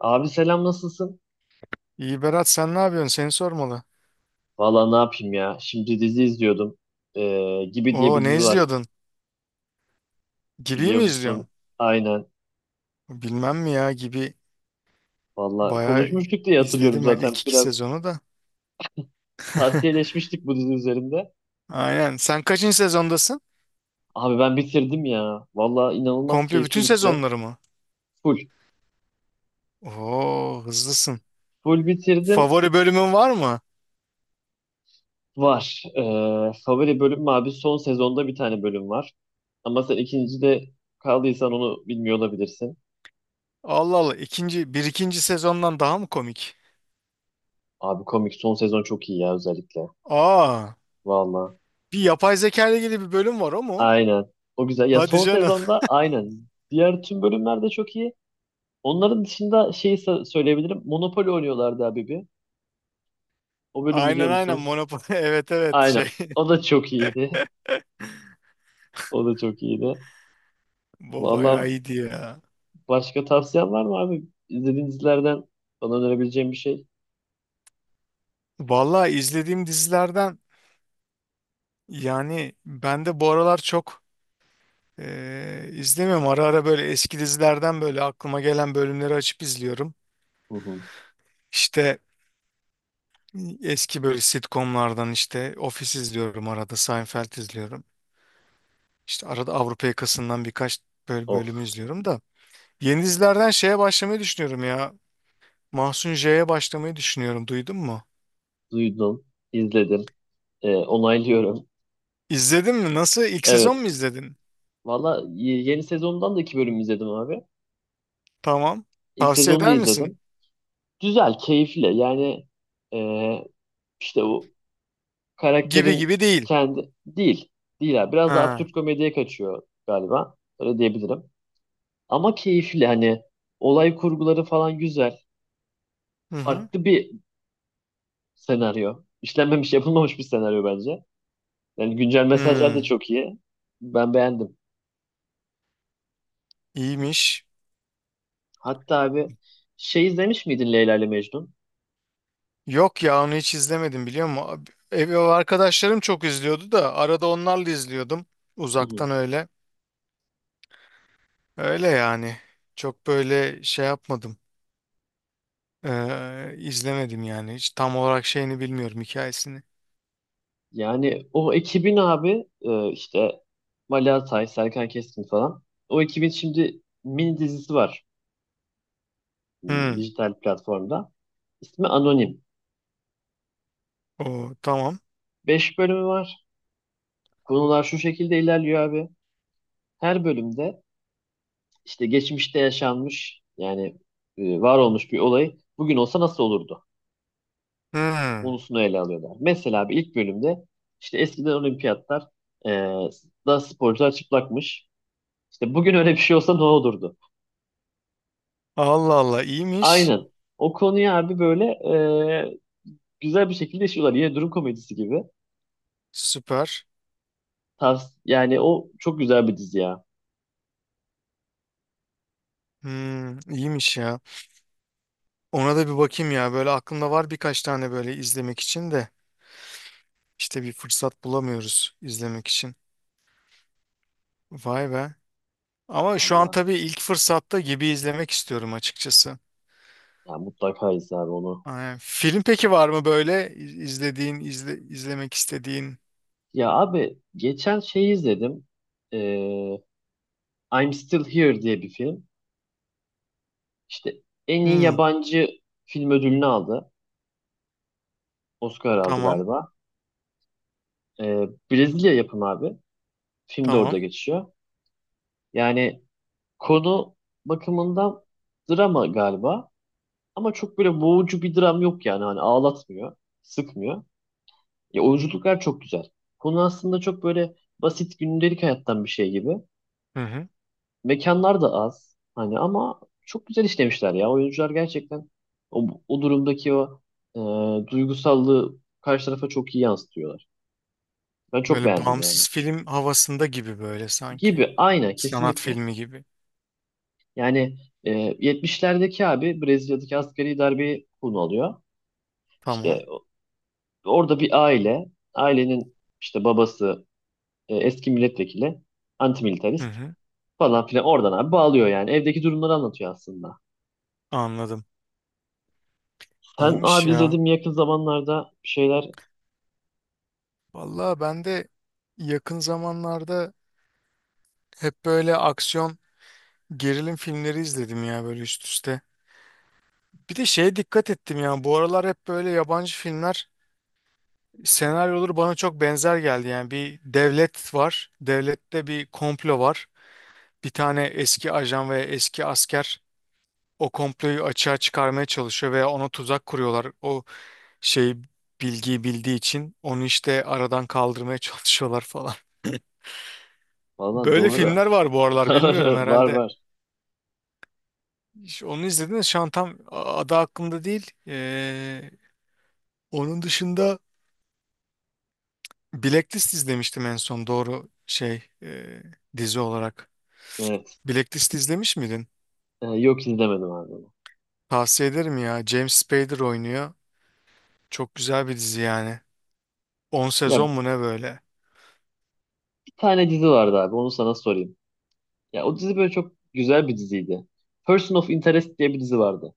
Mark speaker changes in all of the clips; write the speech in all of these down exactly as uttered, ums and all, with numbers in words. Speaker 1: Abi selam nasılsın?
Speaker 2: İyi Berat, sen ne yapıyorsun? Seni sormalı.
Speaker 1: Valla ne yapayım ya. Şimdi dizi izliyordum. Ee, Gibi diye
Speaker 2: Oo,
Speaker 1: bir
Speaker 2: ne
Speaker 1: dizi var.
Speaker 2: izliyordun? Gibi
Speaker 1: Biliyor
Speaker 2: mi
Speaker 1: musun?
Speaker 2: izliyorsun?
Speaker 1: Aynen.
Speaker 2: Bilmem mi ya Gibi,
Speaker 1: Valla
Speaker 2: bayağı
Speaker 1: konuşmuştuk diye hatırlıyorum
Speaker 2: izledim ben,
Speaker 1: zaten.
Speaker 2: ilk iki
Speaker 1: Biraz
Speaker 2: sezonu da.
Speaker 1: tavsiyeleşmiştik bu dizi üzerinde.
Speaker 2: Aynen. Sen kaçıncı sezondasın?
Speaker 1: Abi ben bitirdim ya. Valla inanılmaz
Speaker 2: Komple
Speaker 1: keyifli
Speaker 2: bütün
Speaker 1: gitti.
Speaker 2: sezonları mı?
Speaker 1: Full.
Speaker 2: Oo, hızlısın.
Speaker 1: Full bitirdim.
Speaker 2: Favori bölümün var mı?
Speaker 1: Var. Ee, favori bölüm mü abi? Son sezonda bir tane bölüm var. Ama sen ikinci de kaldıysan onu bilmiyor olabilirsin.
Speaker 2: Allah Allah, ikinci bir ikinci sezondan daha mı komik?
Speaker 1: Abi komik son sezon çok iyi ya özellikle.
Speaker 2: Aa,
Speaker 1: Valla.
Speaker 2: bir yapay zeka ile ilgili bir bölüm var, o mu?
Speaker 1: Aynen. O güzel. Ya
Speaker 2: Hadi
Speaker 1: son
Speaker 2: canım.
Speaker 1: sezonda aynen. Diğer tüm bölümler de çok iyi. Onların dışında şeyi sa- söyleyebilirim. Monopoly oynuyorlardı abi bir. O bölüm biliyor
Speaker 2: Aynen, aynen
Speaker 1: musun?
Speaker 2: Monopoly. Evet, evet,
Speaker 1: Aynen.
Speaker 2: şey.
Speaker 1: O da çok iyiydi. O da çok iyiydi.
Speaker 2: Bu bayağı
Speaker 1: Vallahi
Speaker 2: iyiydi ya.
Speaker 1: başka tavsiyen var mı abi? İzlediğin dizilerden bana önerebileceğin bir şey?
Speaker 2: Vallahi, izlediğim dizilerden yani ben de bu aralar çok eee izlemiyorum. Ara ara böyle eski dizilerden böyle aklıma gelen bölümleri açıp izliyorum.
Speaker 1: Hı hı.
Speaker 2: İşte eski böyle sitcomlardan, işte Office izliyorum arada, Seinfeld izliyorum. İşte arada Avrupa Yakası'ndan birkaç böyle
Speaker 1: Of.
Speaker 2: bölümü izliyorum da. Yeni dizilerden şeye başlamayı düşünüyorum ya. Mahsun J'ye başlamayı düşünüyorum. Duydun mu?
Speaker 1: Duydum. İzledim. Ee, onaylıyorum.
Speaker 2: İzledin mi? Nasıl? İlk sezon
Speaker 1: Evet.
Speaker 2: mu izledin?
Speaker 1: Valla y- yeni sezondan da iki bölüm izledim abi.
Speaker 2: Tamam.
Speaker 1: İlk
Speaker 2: Tavsiye
Speaker 1: sezonu da
Speaker 2: eder misin?
Speaker 1: izledim. Güzel, keyifli. Yani ee, işte o
Speaker 2: Gibi
Speaker 1: karakterin
Speaker 2: gibi değil.
Speaker 1: kendi değil. Değil abi. Biraz daha
Speaker 2: Ha.
Speaker 1: absürt komediye kaçıyor galiba. Öyle diyebilirim. Ama keyifli hani olay kurguları falan güzel.
Speaker 2: Hı hı.
Speaker 1: Farklı bir senaryo. İşlenmemiş, yapılmamış bir senaryo bence. Yani güncel mesajlar da
Speaker 2: Hmm.
Speaker 1: çok iyi. Ben beğendim.
Speaker 2: İyiymiş.
Speaker 1: Hatta abi şey izlemiş miydin Leyla ile Mecnun?
Speaker 2: Yok ya, onu hiç izlemedim, biliyor musun? Abi- Ev ev arkadaşlarım çok izliyordu da arada onlarla izliyordum.
Speaker 1: Hı hı.
Speaker 2: Uzaktan öyle. Öyle yani. Çok böyle şey yapmadım. Ee, izlemedim yani. Hiç tam olarak şeyini bilmiyorum, hikayesini.
Speaker 1: Yani o ekibin abi e, işte Mali Atay, Serkan Keskin falan. O ekibin şimdi mini dizisi var. m,
Speaker 2: Hmm.
Speaker 1: dijital platformda. İsmi Anonim.
Speaker 2: O tamam.
Speaker 1: Beş bölümü var. Konular şu şekilde ilerliyor abi. Her bölümde işte geçmişte yaşanmış yani e, var olmuş bir olay bugün olsa nasıl olurdu
Speaker 2: Hmm.
Speaker 1: konusunu ele alıyorlar. Mesela abi ilk bölümde işte eskiden olimpiyatlar e, da sporcular çıplakmış. İşte bugün öyle bir şey olsa ne olurdu?
Speaker 2: Allah Allah, iyiymiş.
Speaker 1: Aynen. O konuya abi böyle e, güzel bir şekilde işliyorlar. Yine durum komedisi gibi.
Speaker 2: Süper.
Speaker 1: Tavs yani o çok güzel bir dizi ya.
Speaker 2: Hmm, iyiymiş ya. Ona da bir bakayım ya. Böyle aklımda var birkaç tane böyle izlemek için de. İşte bir fırsat bulamıyoruz izlemek için. Vay be. Ama şu an
Speaker 1: Vallahi.
Speaker 2: tabii ilk fırsatta Gibi izlemek istiyorum açıkçası.
Speaker 1: Ya mutlaka izle abi onu.
Speaker 2: Aynen. Film peki var mı böyle iz- izlediğin, izle, izlemek istediğin?
Speaker 1: Ya abi geçen şey izledim. Ee, I'm Still Here diye bir film. İşte en iyi
Speaker 2: Hmm,
Speaker 1: yabancı film ödülünü aldı. Oscar aldı
Speaker 2: tamam,
Speaker 1: galiba. Ee, Brezilya yapımı abi. Film de orada
Speaker 2: tamam.
Speaker 1: geçiyor. Yani konu bakımından drama galiba. Ama çok böyle boğucu bir dram yok yani. Hani ağlatmıyor, sıkmıyor. Ya oyunculuklar çok güzel. Konu aslında çok böyle basit gündelik hayattan bir şey gibi.
Speaker 2: Hı hı.
Speaker 1: Mekanlar da az hani ama çok güzel işlemişler ya. Oyuncular gerçekten o, o durumdaki o e, duygusallığı karşı tarafa çok iyi yansıtıyorlar. Ben çok
Speaker 2: Böyle
Speaker 1: beğendim yani.
Speaker 2: bağımsız film havasında gibi böyle sanki.
Speaker 1: Gibi aynen
Speaker 2: Sanat
Speaker 1: kesinlikle.
Speaker 2: filmi gibi.
Speaker 1: Yani e, yetmişlerdeki abi Brezilya'daki askeri darbeyi konu alıyor.
Speaker 2: Tamam.
Speaker 1: İşte orada bir aile, ailenin işte babası e, eski milletvekili,
Speaker 2: Hı
Speaker 1: antimilitarist
Speaker 2: hı.
Speaker 1: falan filan oradan abi bağlıyor yani. Evdeki durumları anlatıyor aslında.
Speaker 2: Anladım.
Speaker 1: Sen
Speaker 2: İyiymiş
Speaker 1: abi
Speaker 2: ya.
Speaker 1: izledim yakın zamanlarda şeyler.
Speaker 2: Vallahi, ben de yakın zamanlarda hep böyle aksiyon, gerilim filmleri izledim ya böyle üst üste. Bir de şeye dikkat ettim ya. Bu aralar hep böyle yabancı filmler, senaryoları bana çok benzer geldi. Yani bir devlet var. Devlette bir komplo var. Bir tane eski ajan ve eski asker o komployu açığa çıkarmaya çalışıyor veya ona tuzak kuruyorlar. O şey, bilgiyi bildiği için onu işte aradan kaldırmaya çalışıyorlar falan.
Speaker 1: Valla
Speaker 2: Böyle
Speaker 1: doğru.
Speaker 2: filmler var bu aralar, bilmiyorum
Speaker 1: Doğru. Var
Speaker 2: herhalde.
Speaker 1: var.
Speaker 2: İşte onu izlediniz, şu an tam adı aklımda değil. Ee, onun dışında Blacklist izlemiştim en son, doğru şey, e, dizi olarak.
Speaker 1: Evet.
Speaker 2: Blacklist izlemiş miydin?
Speaker 1: Ee, yok izlemedim abi onu.
Speaker 2: Tavsiye ederim ya. James Spader oynuyor. Çok güzel bir dizi yani. On
Speaker 1: Ya
Speaker 2: sezon mu ne böyle?
Speaker 1: bir tane dizi vardı abi. Onu sana sorayım. Ya o dizi böyle çok güzel bir diziydi. Person of Interest diye bir dizi vardı.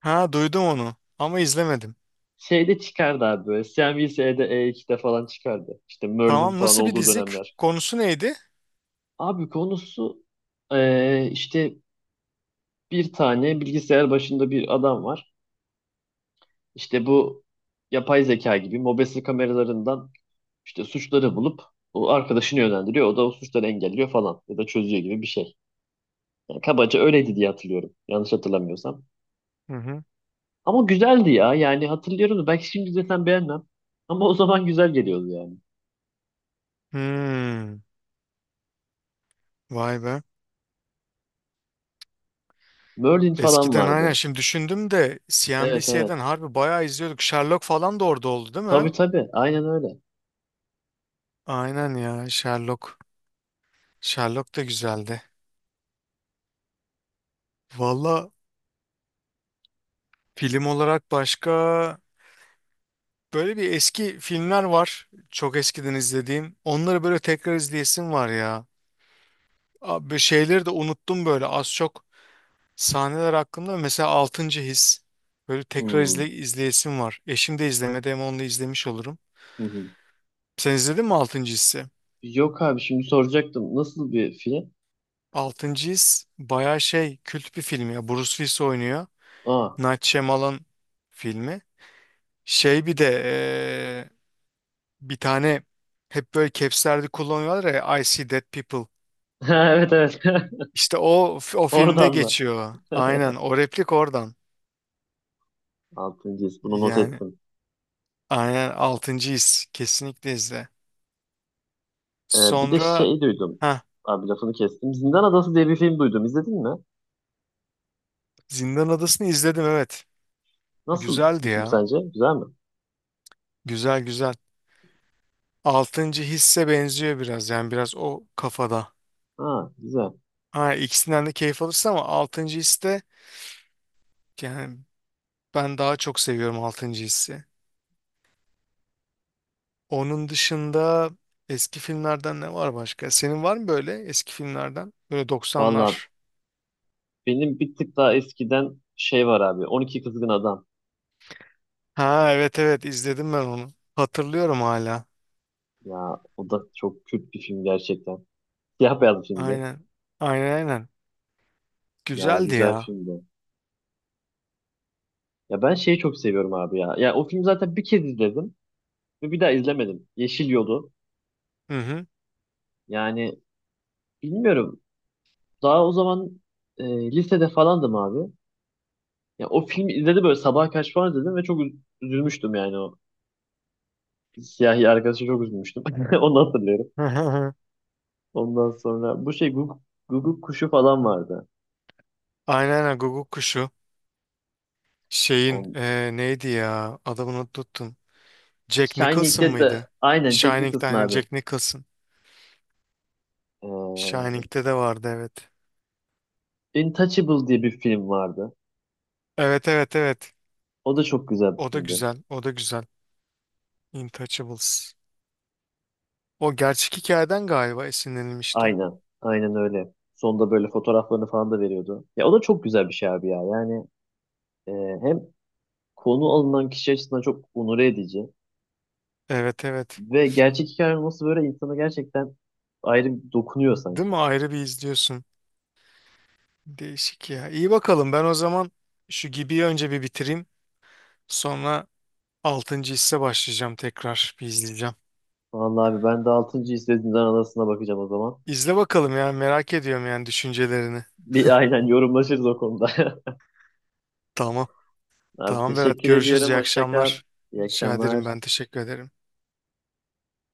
Speaker 2: Ha, duydum onu ama izlemedim.
Speaker 1: Şeyde çıkardı abi böyle. C N B C'de, E iki'de falan çıkardı. İşte Merlin
Speaker 2: Tamam,
Speaker 1: falan
Speaker 2: nasıl bir
Speaker 1: olduğu
Speaker 2: dizi? K-
Speaker 1: dönemler.
Speaker 2: Konusu neydi?
Speaker 1: Abi konusu ee, işte bir tane bilgisayar başında bir adam var. İşte bu yapay zeka gibi mobese kameralarından İşte suçları bulup o arkadaşını yönlendiriyor. O da o suçları engelliyor falan ya da çözüyor gibi bir şey. Yani kabaca öyleydi diye hatırlıyorum. Yanlış hatırlamıyorsam.
Speaker 2: Hı hı.
Speaker 1: Ama güzeldi ya. Yani hatırlıyorum da belki şimdi zaten beğenmem. Ama o zaman güzel geliyordu yani.
Speaker 2: Hmm, vay be.
Speaker 1: Merlin falan
Speaker 2: Eskiden, aynen
Speaker 1: vardı.
Speaker 2: şimdi düşündüm de,
Speaker 1: Evet
Speaker 2: C N B C'den
Speaker 1: evet.
Speaker 2: harbi bayağı izliyorduk. Sherlock falan da orada oldu değil mi?
Speaker 1: Tabii tabii. Aynen öyle.
Speaker 2: Aynen ya, Sherlock. Sherlock da güzeldi. Valla, film olarak başka, böyle bir eski filmler var. Çok eskiden izlediğim. Onları böyle tekrar izleyesim var ya. Abi, şeyleri de unuttum böyle az çok. Sahneler hakkında, mesela Altıncı His. Böyle tekrar
Speaker 1: Hmm.
Speaker 2: izle, izleyesim var. Eşim de izlemedi, ama onu da izlemiş olurum.
Speaker 1: Hı hı.
Speaker 2: Sen izledin mi Altıncı His'i?
Speaker 1: Yok abi şimdi soracaktım. Nasıl bir film?
Speaker 2: Altıncı His bayağı şey, kült bir film ya. Bruce Willis oynuyor.
Speaker 1: Aa.
Speaker 2: Night Shyamalan filmi. Şey, bir de eee, bir tane hep böyle capslerde kullanıyorlar ya, I See Dead People.
Speaker 1: Evet evet.
Speaker 2: İşte o o filmde
Speaker 1: Oradan da.
Speaker 2: geçiyor. Aynen, o replik oradan.
Speaker 1: Altıncı his. Bunu not
Speaker 2: Yani
Speaker 1: ettim.
Speaker 2: aynen, Altıncı His, kesinlikle izle.
Speaker 1: Ee, bir de
Speaker 2: Sonra
Speaker 1: şey duydum.
Speaker 2: ha,
Speaker 1: Abi lafını kestim. Zindan Adası diye bir film duydum. İzledin mi?
Speaker 2: Zindan Adası'nı izledim, evet.
Speaker 1: Nasıl bir
Speaker 2: Güzeldi
Speaker 1: film
Speaker 2: ya.
Speaker 1: sence? Güzel mi?
Speaker 2: Güzel, güzel. Altıncı Hisse benziyor biraz, yani biraz o kafada.
Speaker 1: Ha, güzel.
Speaker 2: Ha, ikisinden de keyif alırsın ama Altıncı His, yani ben daha çok seviyorum Altıncı Hissi. Onun dışında eski filmlerden ne var başka? Senin var mı böyle eski filmlerden? Böyle
Speaker 1: Valla
Speaker 2: doksanlar.
Speaker 1: benim bir tık daha eskiden şey var abi. on iki Kızgın Adam.
Speaker 2: Ha evet, evet, izledim ben onu. Hatırlıyorum hala.
Speaker 1: Ya o da çok kült bir film gerçekten. Siyah beyaz bir filmdi.
Speaker 2: Aynen. Aynen, aynen.
Speaker 1: Yani
Speaker 2: Güzeldi
Speaker 1: güzel
Speaker 2: ya.
Speaker 1: filmdi. Ya ben şeyi çok seviyorum abi ya. Ya o filmi zaten bir kez izledim ve bir daha izlemedim. Yeşil Yolu.
Speaker 2: Hı hı.
Speaker 1: Yani bilmiyorum. Daha o zaman e, lisede falandım abi. Ya o filmi izledim böyle sabaha kaç falan izledim ve çok üz- üzülmüştüm yani o. Siyahi arkadaşı çok üzülmüştüm. Onu hatırlıyorum. Ondan sonra bu şey Guguk, Guguk kuşu falan vardı.
Speaker 2: Aynen, aynen Guguk Kuşu. Şeyin
Speaker 1: On,
Speaker 2: eee, neydi ya? Adamını unuttum. Jack Nicholson
Speaker 1: Shining'de de
Speaker 2: mıydı?
Speaker 1: aynen Jack
Speaker 2: Shining'de
Speaker 1: Nicholson
Speaker 2: aynen
Speaker 1: abi.
Speaker 2: Jack Nicholson. Shining'de de vardı, evet.
Speaker 1: Ee, Intouchable diye bir film vardı.
Speaker 2: Evet, evet, evet.
Speaker 1: O da çok güzel bir
Speaker 2: O da
Speaker 1: filmdi.
Speaker 2: güzel. O da güzel. Intouchables. O gerçek hikayeden galiba esinlenilmişti.
Speaker 1: Aynen. Aynen öyle. Sonunda böyle fotoğraflarını falan da veriyordu. Ya o da çok güzel bir şey abi ya. Yani e, hem konu alınan kişi açısından çok onore edici
Speaker 2: Evet, evet.
Speaker 1: ve gerçek hikaye olması böyle insanı gerçekten ayrı bir dokunuyor
Speaker 2: Değil
Speaker 1: sanki.
Speaker 2: mi? Ayrı bir izliyorsun. Değişik ya. İyi bakalım. Ben o zaman şu gibi önce bir bitireyim. Sonra Altıncı Hisse başlayacağım tekrar. Bir izleyeceğim.
Speaker 1: Vallahi abi ben de altıncı izlediğimden arasına bakacağım o zaman.
Speaker 2: İzle bakalım ya. Merak ediyorum yani düşüncelerini.
Speaker 1: Bir aynen yorumlaşırız o konuda.
Speaker 2: Tamam.
Speaker 1: Abi
Speaker 2: Tamam Berat.
Speaker 1: teşekkür
Speaker 2: Görüşürüz.
Speaker 1: ediyorum.
Speaker 2: İyi
Speaker 1: Hoşça kal.
Speaker 2: akşamlar.
Speaker 1: İyi
Speaker 2: Rica
Speaker 1: akşamlar.
Speaker 2: ederim. Ben teşekkür ederim.